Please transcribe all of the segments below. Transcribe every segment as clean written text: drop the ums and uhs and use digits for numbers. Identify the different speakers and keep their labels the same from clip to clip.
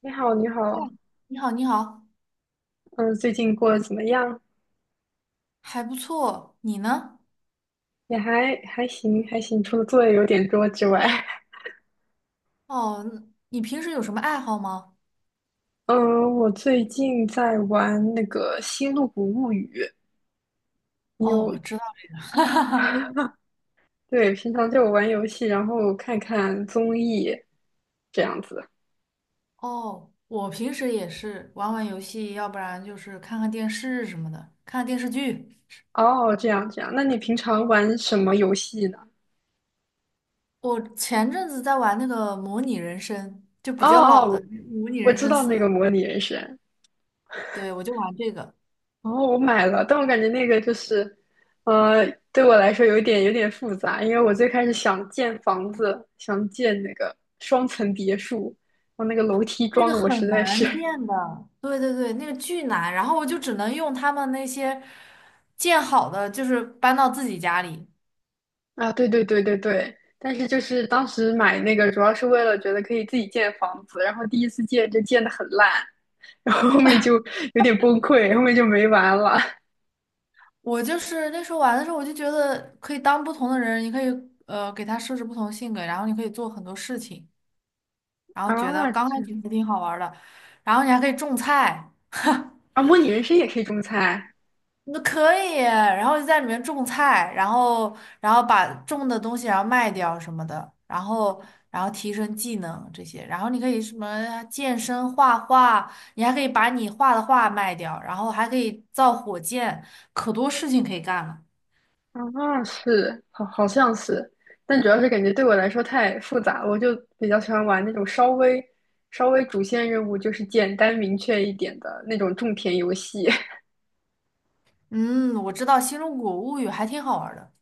Speaker 1: 你好，你
Speaker 2: 嗨，
Speaker 1: 好，
Speaker 2: 你好，你好，
Speaker 1: 嗯，最近过得怎么样？
Speaker 2: 还不错。你呢？
Speaker 1: 也还行，除了作业有点多之外。
Speaker 2: 哦，你平时有什么爱好吗？
Speaker 1: 嗯，我最近在玩那个《星露谷物语》。你
Speaker 2: 哦，
Speaker 1: 有？
Speaker 2: 我知道。
Speaker 1: 对，平常就玩游戏，然后看看综艺，这样子。
Speaker 2: 哦，我平时也是玩玩游戏，要不然就是看看电视什么的，看看电视剧。
Speaker 1: 哦，这样这样，那你平常玩什么游戏呢？
Speaker 2: 我前阵子在玩那个《模拟人生》，就
Speaker 1: 哦
Speaker 2: 比较
Speaker 1: 哦，
Speaker 2: 老的
Speaker 1: 我
Speaker 2: 《模拟
Speaker 1: 我
Speaker 2: 人
Speaker 1: 知
Speaker 2: 生
Speaker 1: 道那
Speaker 2: 四》，
Speaker 1: 个模拟人生。
Speaker 2: 对，我就玩这个。
Speaker 1: 哦，我买了，但我感觉那个就是，呃，对我来说有点复杂，因为我最开始想建房子，想建那个双层别墅，我那个楼梯
Speaker 2: 那
Speaker 1: 装
Speaker 2: 个
Speaker 1: 的我实
Speaker 2: 很
Speaker 1: 在是。
Speaker 2: 难建的，对对对，那个巨难，然后我就只能用他们那些建好的，就是搬到自己家里。
Speaker 1: 啊，对对对对对，但是就是当时买那个主要是为了觉得可以自己建房子，然后第一次建就建的很烂，然后后面就有点崩溃，后面就没玩了。
Speaker 2: 我就是那时候玩的时候，我就觉得可以当不同的人，你可以给他设置不同性格，然后你可以做很多事情，然后觉得
Speaker 1: 啊，
Speaker 2: 刚开
Speaker 1: 这。
Speaker 2: 始还挺好玩儿的，然后你还可以种菜。
Speaker 1: 啊，模拟人生也可以种菜。
Speaker 2: 那可以，然后就在里面种菜，然后把种的东西然后卖掉什么的，然后提升技能这些，然后你可以什么健身、画画，你还可以把你画的画卖掉，然后还可以造火箭，可多事情可以干了。
Speaker 1: 啊，是，好，好像是，但主要是感觉对我来说太复杂了，我就比较喜欢玩那种稍微主线任务就是简单明确一点的那种种田游戏。
Speaker 2: 嗯，我知道《新中国物语》还挺好玩的。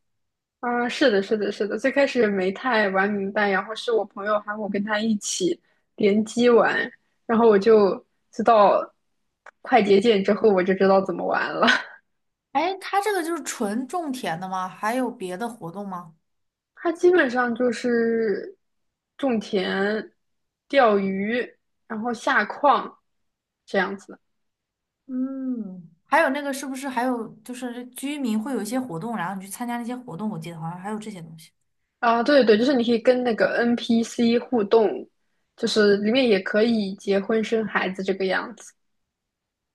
Speaker 1: 啊，是的，是的，是的，最开始没太玩明白，然后是我朋友喊我跟他一起联机玩，然后我就知道快捷键之后，我就知道怎么玩了。
Speaker 2: 哎，它这个就是纯种田的吗？还有别的活动吗？
Speaker 1: 它基本上就是种田、钓鱼，然后下矿这样子的。
Speaker 2: 嗯，还有那个是不是还有就是居民会有一些活动，然后你去参加那些活动？我记得好像还有这些东西。
Speaker 1: 啊，对对对，就是你可以跟那个 NPC 互动，就是里面也可以结婚生孩子这个样子。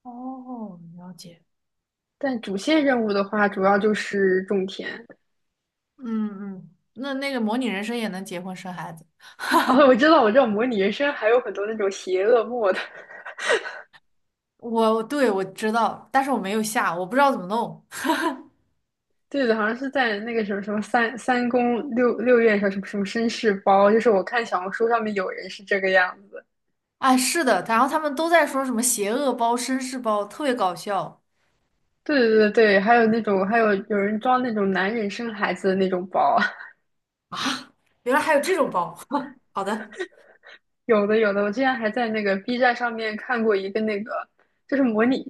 Speaker 2: 哦，了解。
Speaker 1: 但主线任务的话，主要就是种田。
Speaker 2: 嗯嗯，那个模拟人生也能结婚生孩子？
Speaker 1: 啊，我知道，我知道，模拟人生还有很多那种邪恶 mod。
Speaker 2: 对，我知道，但是我没有下，我不知道怎么弄。
Speaker 1: 对的，好像是在那个什么什么三三宫六六院上什么什么绅士包，就是我看小红书上面有人是这个样子。
Speaker 2: 哎，是的，然后他们都在说什么邪恶包、绅士包，特别搞笑。
Speaker 1: 对对对对，还有那种，还有有人装那种男人生孩子的那种包。
Speaker 2: 原来还有这种包。好的。
Speaker 1: 有的有的，我之前还在那个 B 站上面看过一个那个，就是模拟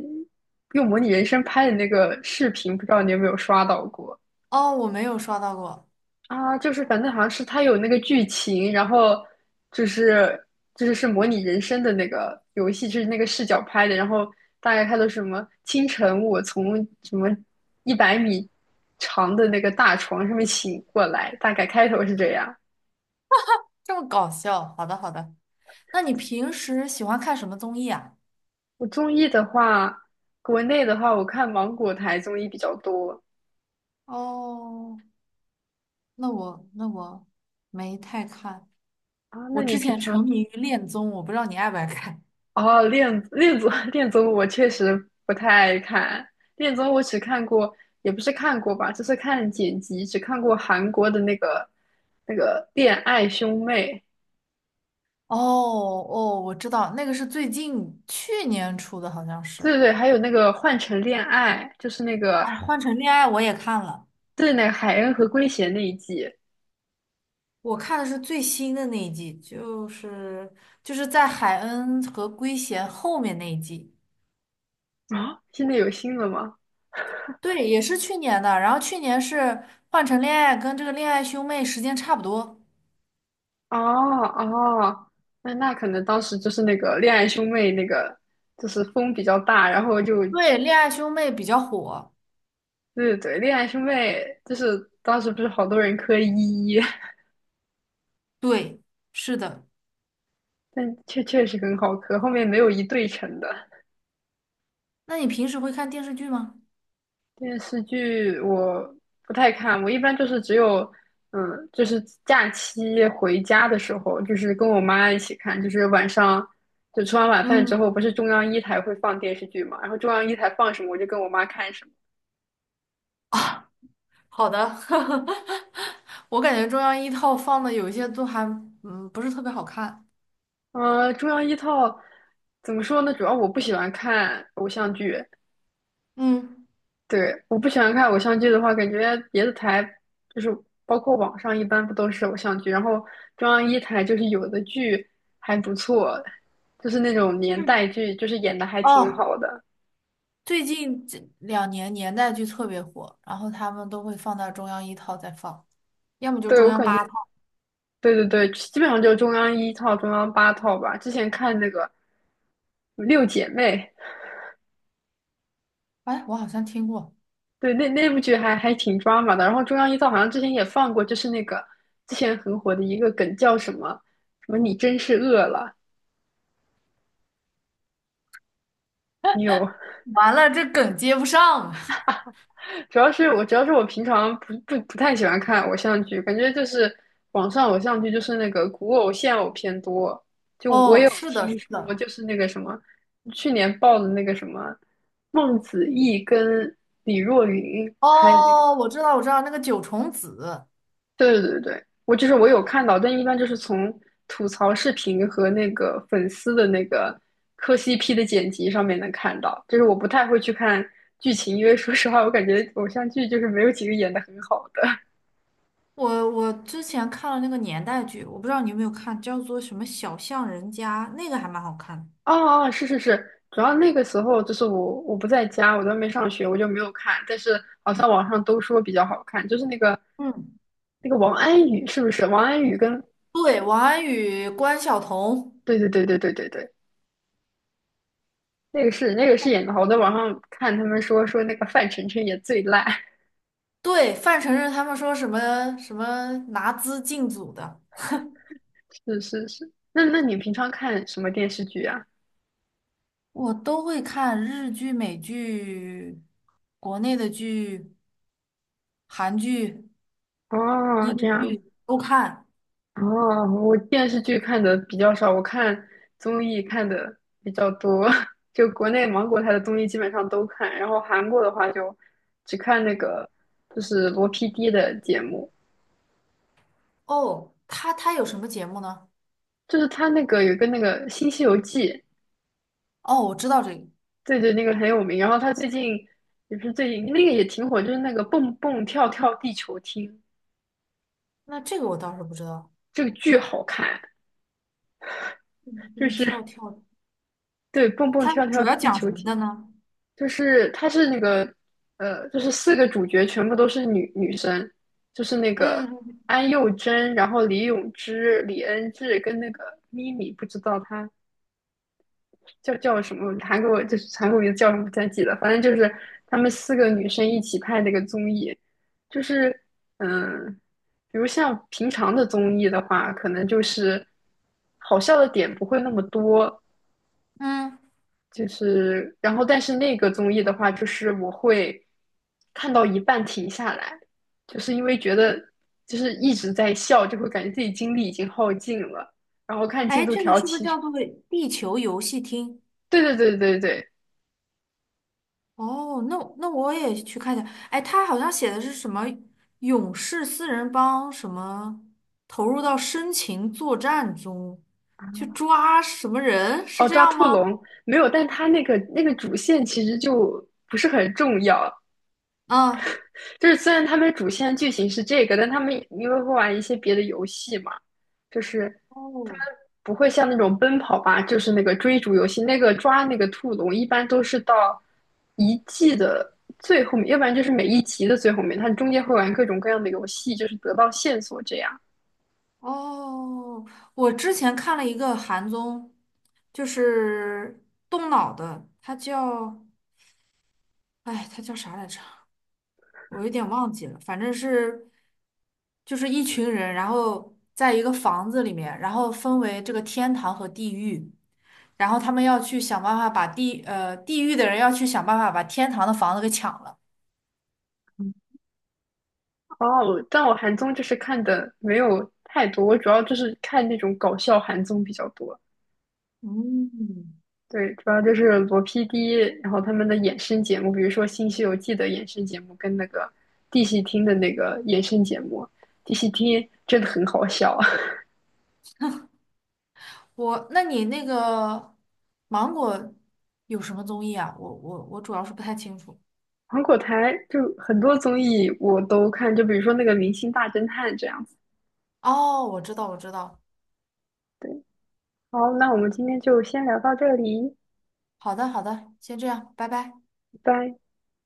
Speaker 1: 用模拟人生拍的那个视频，不知道你有没有刷到过。
Speaker 2: 哦，我没有刷到过。
Speaker 1: 啊？就是反正好像是它有那个剧情，然后就是就是是模拟人生的那个游戏，就是那个视角拍的，然后大概它的什么清晨我从什么100米长的那个大床上面醒过来，大概开头是这样。
Speaker 2: 这么搞笑，好的好的。那你平时喜欢看什么综艺啊？
Speaker 1: 我综艺的话，国内的话，我看芒果台综艺比较多。
Speaker 2: 哦，那我没太看。
Speaker 1: 啊。那
Speaker 2: 我
Speaker 1: 你
Speaker 2: 之
Speaker 1: 平
Speaker 2: 前沉
Speaker 1: 常
Speaker 2: 迷于恋综，我不知道你爱不爱看。
Speaker 1: 哦，恋综 恋综我确实不太爱看，恋综我只看过，也不是看过吧，就是看剪辑，只看过韩国的那个那个恋爱兄妹。
Speaker 2: 哦哦，我知道，那个是最近去年出的，好像
Speaker 1: 对
Speaker 2: 是。
Speaker 1: 对对，还有那个换乘恋爱，就是那个
Speaker 2: 哎，换成恋爱我也看了，
Speaker 1: 对那个海恩和圭贤那一季。
Speaker 2: 我看的是最新的那一季，就是在海恩和圭贤后面那一季。
Speaker 1: 啊，现在有新的吗？
Speaker 2: 对，也是去年的。然后去年是换成恋爱，跟这个恋爱兄妹时间差不多。
Speaker 1: 哦哦，那可能当时就是那个恋爱兄妹那个，就是风比较大，然后就
Speaker 2: 对，《恋爱兄妹》比较火。
Speaker 1: 对对对，恋爱兄妹就是当时不是好多人磕一，
Speaker 2: 对，是的。
Speaker 1: 但确实很好磕，后面没有一对成的。
Speaker 2: 那你平时会看电视剧吗？
Speaker 1: 电视剧我不太看，我一般就是只有就是假期回家的时候，就是跟我妈一起看，就是晚上。就吃完晚饭之
Speaker 2: 嗯。
Speaker 1: 后，不是中央一台会放电视剧嘛？然后中央一台放什么，我就跟我妈看什么。
Speaker 2: 好的。我感觉中央一套放的有一些都还不是特别好看。
Speaker 1: 中央一套怎么说呢？主要我不喜欢看偶像剧。
Speaker 2: 嗯，
Speaker 1: 对，我不喜欢看偶像剧的话，感觉别的台就是包括网上一般不都是偶像剧，然后中央一台就是有的剧还不错，就是那种年代剧，就是演的还挺
Speaker 2: 哦，
Speaker 1: 好的。
Speaker 2: 最近这2年年代剧特别火，然后他们都会放到中央一套再放，要么就
Speaker 1: 对，
Speaker 2: 中
Speaker 1: 我
Speaker 2: 央
Speaker 1: 感觉，
Speaker 2: 八套。
Speaker 1: 对对对，基本上就是中央一套、中央八套吧。之前看那个《六姐妹》，
Speaker 2: 哎，我好像听过。
Speaker 1: 对，那部剧还挺抓马的。然后中央一套好像之前也放过，就是那个之前很火的一个梗叫什么什么"你真是饿了"。你有？
Speaker 2: 完了，这梗接不上。
Speaker 1: 主要是我平常不太喜欢看偶像剧，感觉就是网上偶像剧就是那个古偶现偶偏多。就我
Speaker 2: 哦，
Speaker 1: 有
Speaker 2: 是的，
Speaker 1: 听
Speaker 2: 是
Speaker 1: 说，
Speaker 2: 的。
Speaker 1: 就是那个什么去年爆的那个什么孟子义跟李若云拍的那个。
Speaker 2: 哦，我知道，我知道，那个九重紫。
Speaker 1: 对对对，我就是我有看到，但一般就是从吐槽视频和那个粉丝的那个磕 CP 的剪辑上面能看到，就是我不太会去看剧情，因为说实话，我感觉偶像剧就是没有几个演的很好的。
Speaker 2: 我之前看了那个年代剧，我不知道你有没有看，叫做什么《小巷人家》，那个还蛮好看的。
Speaker 1: 哦哦，是是是，主要那个时候就是我我不在家，我在外面上学，我就没有看，但是好像网上都说比较好看，就是那个
Speaker 2: 嗯，
Speaker 1: 那个王安宇是不是？王安宇跟
Speaker 2: 对，王安宇、关晓彤，
Speaker 1: 对对对对对对对，那个是演的好，我在网上看他们说那个范丞丞也最烂。
Speaker 2: 对，范丞丞他们说什么什么拿资进组的，
Speaker 1: 是是是，那你平常看什么电视剧啊？
Speaker 2: 我都会看日剧、美剧、国内的剧、韩剧、
Speaker 1: 哦，
Speaker 2: 英
Speaker 1: 这样子。
Speaker 2: 剧都看。
Speaker 1: 哦，我电视剧看的比较少，我看综艺看的比较多。就国内芒果台的综艺基本上都看，然后韩国的话就只看那个就是罗 PD 的节目。
Speaker 2: 哦，他有什么节目呢？
Speaker 1: 就是他那个有一个那个《新西游记》。
Speaker 2: 哦，我知道这个，
Speaker 1: 对对，那个很有名。然后他最近也不是最近那个也挺火，就是那个蹦蹦跳跳地球厅。
Speaker 2: 那这个我倒是不知道。
Speaker 1: 这个剧好看，就
Speaker 2: 你
Speaker 1: 是
Speaker 2: 跳跳，
Speaker 1: 对蹦蹦
Speaker 2: 它
Speaker 1: 跳
Speaker 2: 主
Speaker 1: 跳
Speaker 2: 要
Speaker 1: 地
Speaker 2: 讲
Speaker 1: 球
Speaker 2: 什么的
Speaker 1: 厅。
Speaker 2: 呢？
Speaker 1: 就是它是那个就是四个主角全部都是女生，就是那个
Speaker 2: 嗯，
Speaker 1: 安宥真，然后李永芝、李恩智跟那个咪咪，不知道她叫什么，韩国就是韩国名字叫什么不太记得，反正就是她们四个女生一起拍那个综艺，就是嗯、比如像平常的综艺的话，可能就是好笑的点不会那么多。
Speaker 2: 嗯，
Speaker 1: 就是，然后但是那个综艺的话，就是我会看到一半停下来，就是因为觉得就是一直在笑，就会感觉自己精力已经耗尽了。然后看进
Speaker 2: 哎，
Speaker 1: 度
Speaker 2: 这个
Speaker 1: 条，
Speaker 2: 是不是
Speaker 1: 其实
Speaker 2: 叫做地球游戏厅？
Speaker 1: 对对对对对，
Speaker 2: 哦，那我也去看一下。哎，他好像写的是什么勇士四人帮，什么投入到深情作战中，去抓什么人，是
Speaker 1: 哦，
Speaker 2: 这
Speaker 1: 抓
Speaker 2: 样
Speaker 1: 兔
Speaker 2: 吗？
Speaker 1: 龙没有，但他那个那个主线其实就不是很重要。
Speaker 2: 啊，
Speaker 1: 就是虽然他们主线剧情是这个，但他们因为会玩一些别的游戏嘛，就是
Speaker 2: 哦
Speaker 1: 不会像那种奔跑吧，就是那个追逐游戏，那个抓那个兔笼，一般都是到一季的最后面，要不然就是每一集的最后面，它中间会玩各种各样的游戏，就是得到线索这样。
Speaker 2: 哦，我之前看了一个韩综，就是动脑的，它叫，哎，它叫啥来着？我有点忘记了，反正是就是一群人，然后在一个房子里面，然后分为这个天堂和地狱，然后他们要去想办法地狱的人要去想办法把天堂的房子给抢了。
Speaker 1: 哦，但我韩综就是看的没有太多，我主要就是看那种搞笑韩综比较多。
Speaker 2: 嗯，
Speaker 1: 对，主要就是罗 PD，然后他们的衍生节目，比如说《新西游记》的衍生节目，跟那个地戏厅的那个衍生节目。地戏厅真的很好笑。
Speaker 2: 那你那个芒果有什么综艺啊？我主要是不太清楚。
Speaker 1: 芒果台就很多综艺我都看，就比如说那个《明星大侦探》这样子。
Speaker 2: 哦，我知道，我知道。
Speaker 1: 对，好，那我们今天就先聊到这里，
Speaker 2: 好的，好的，先这样，拜拜。
Speaker 1: 拜拜。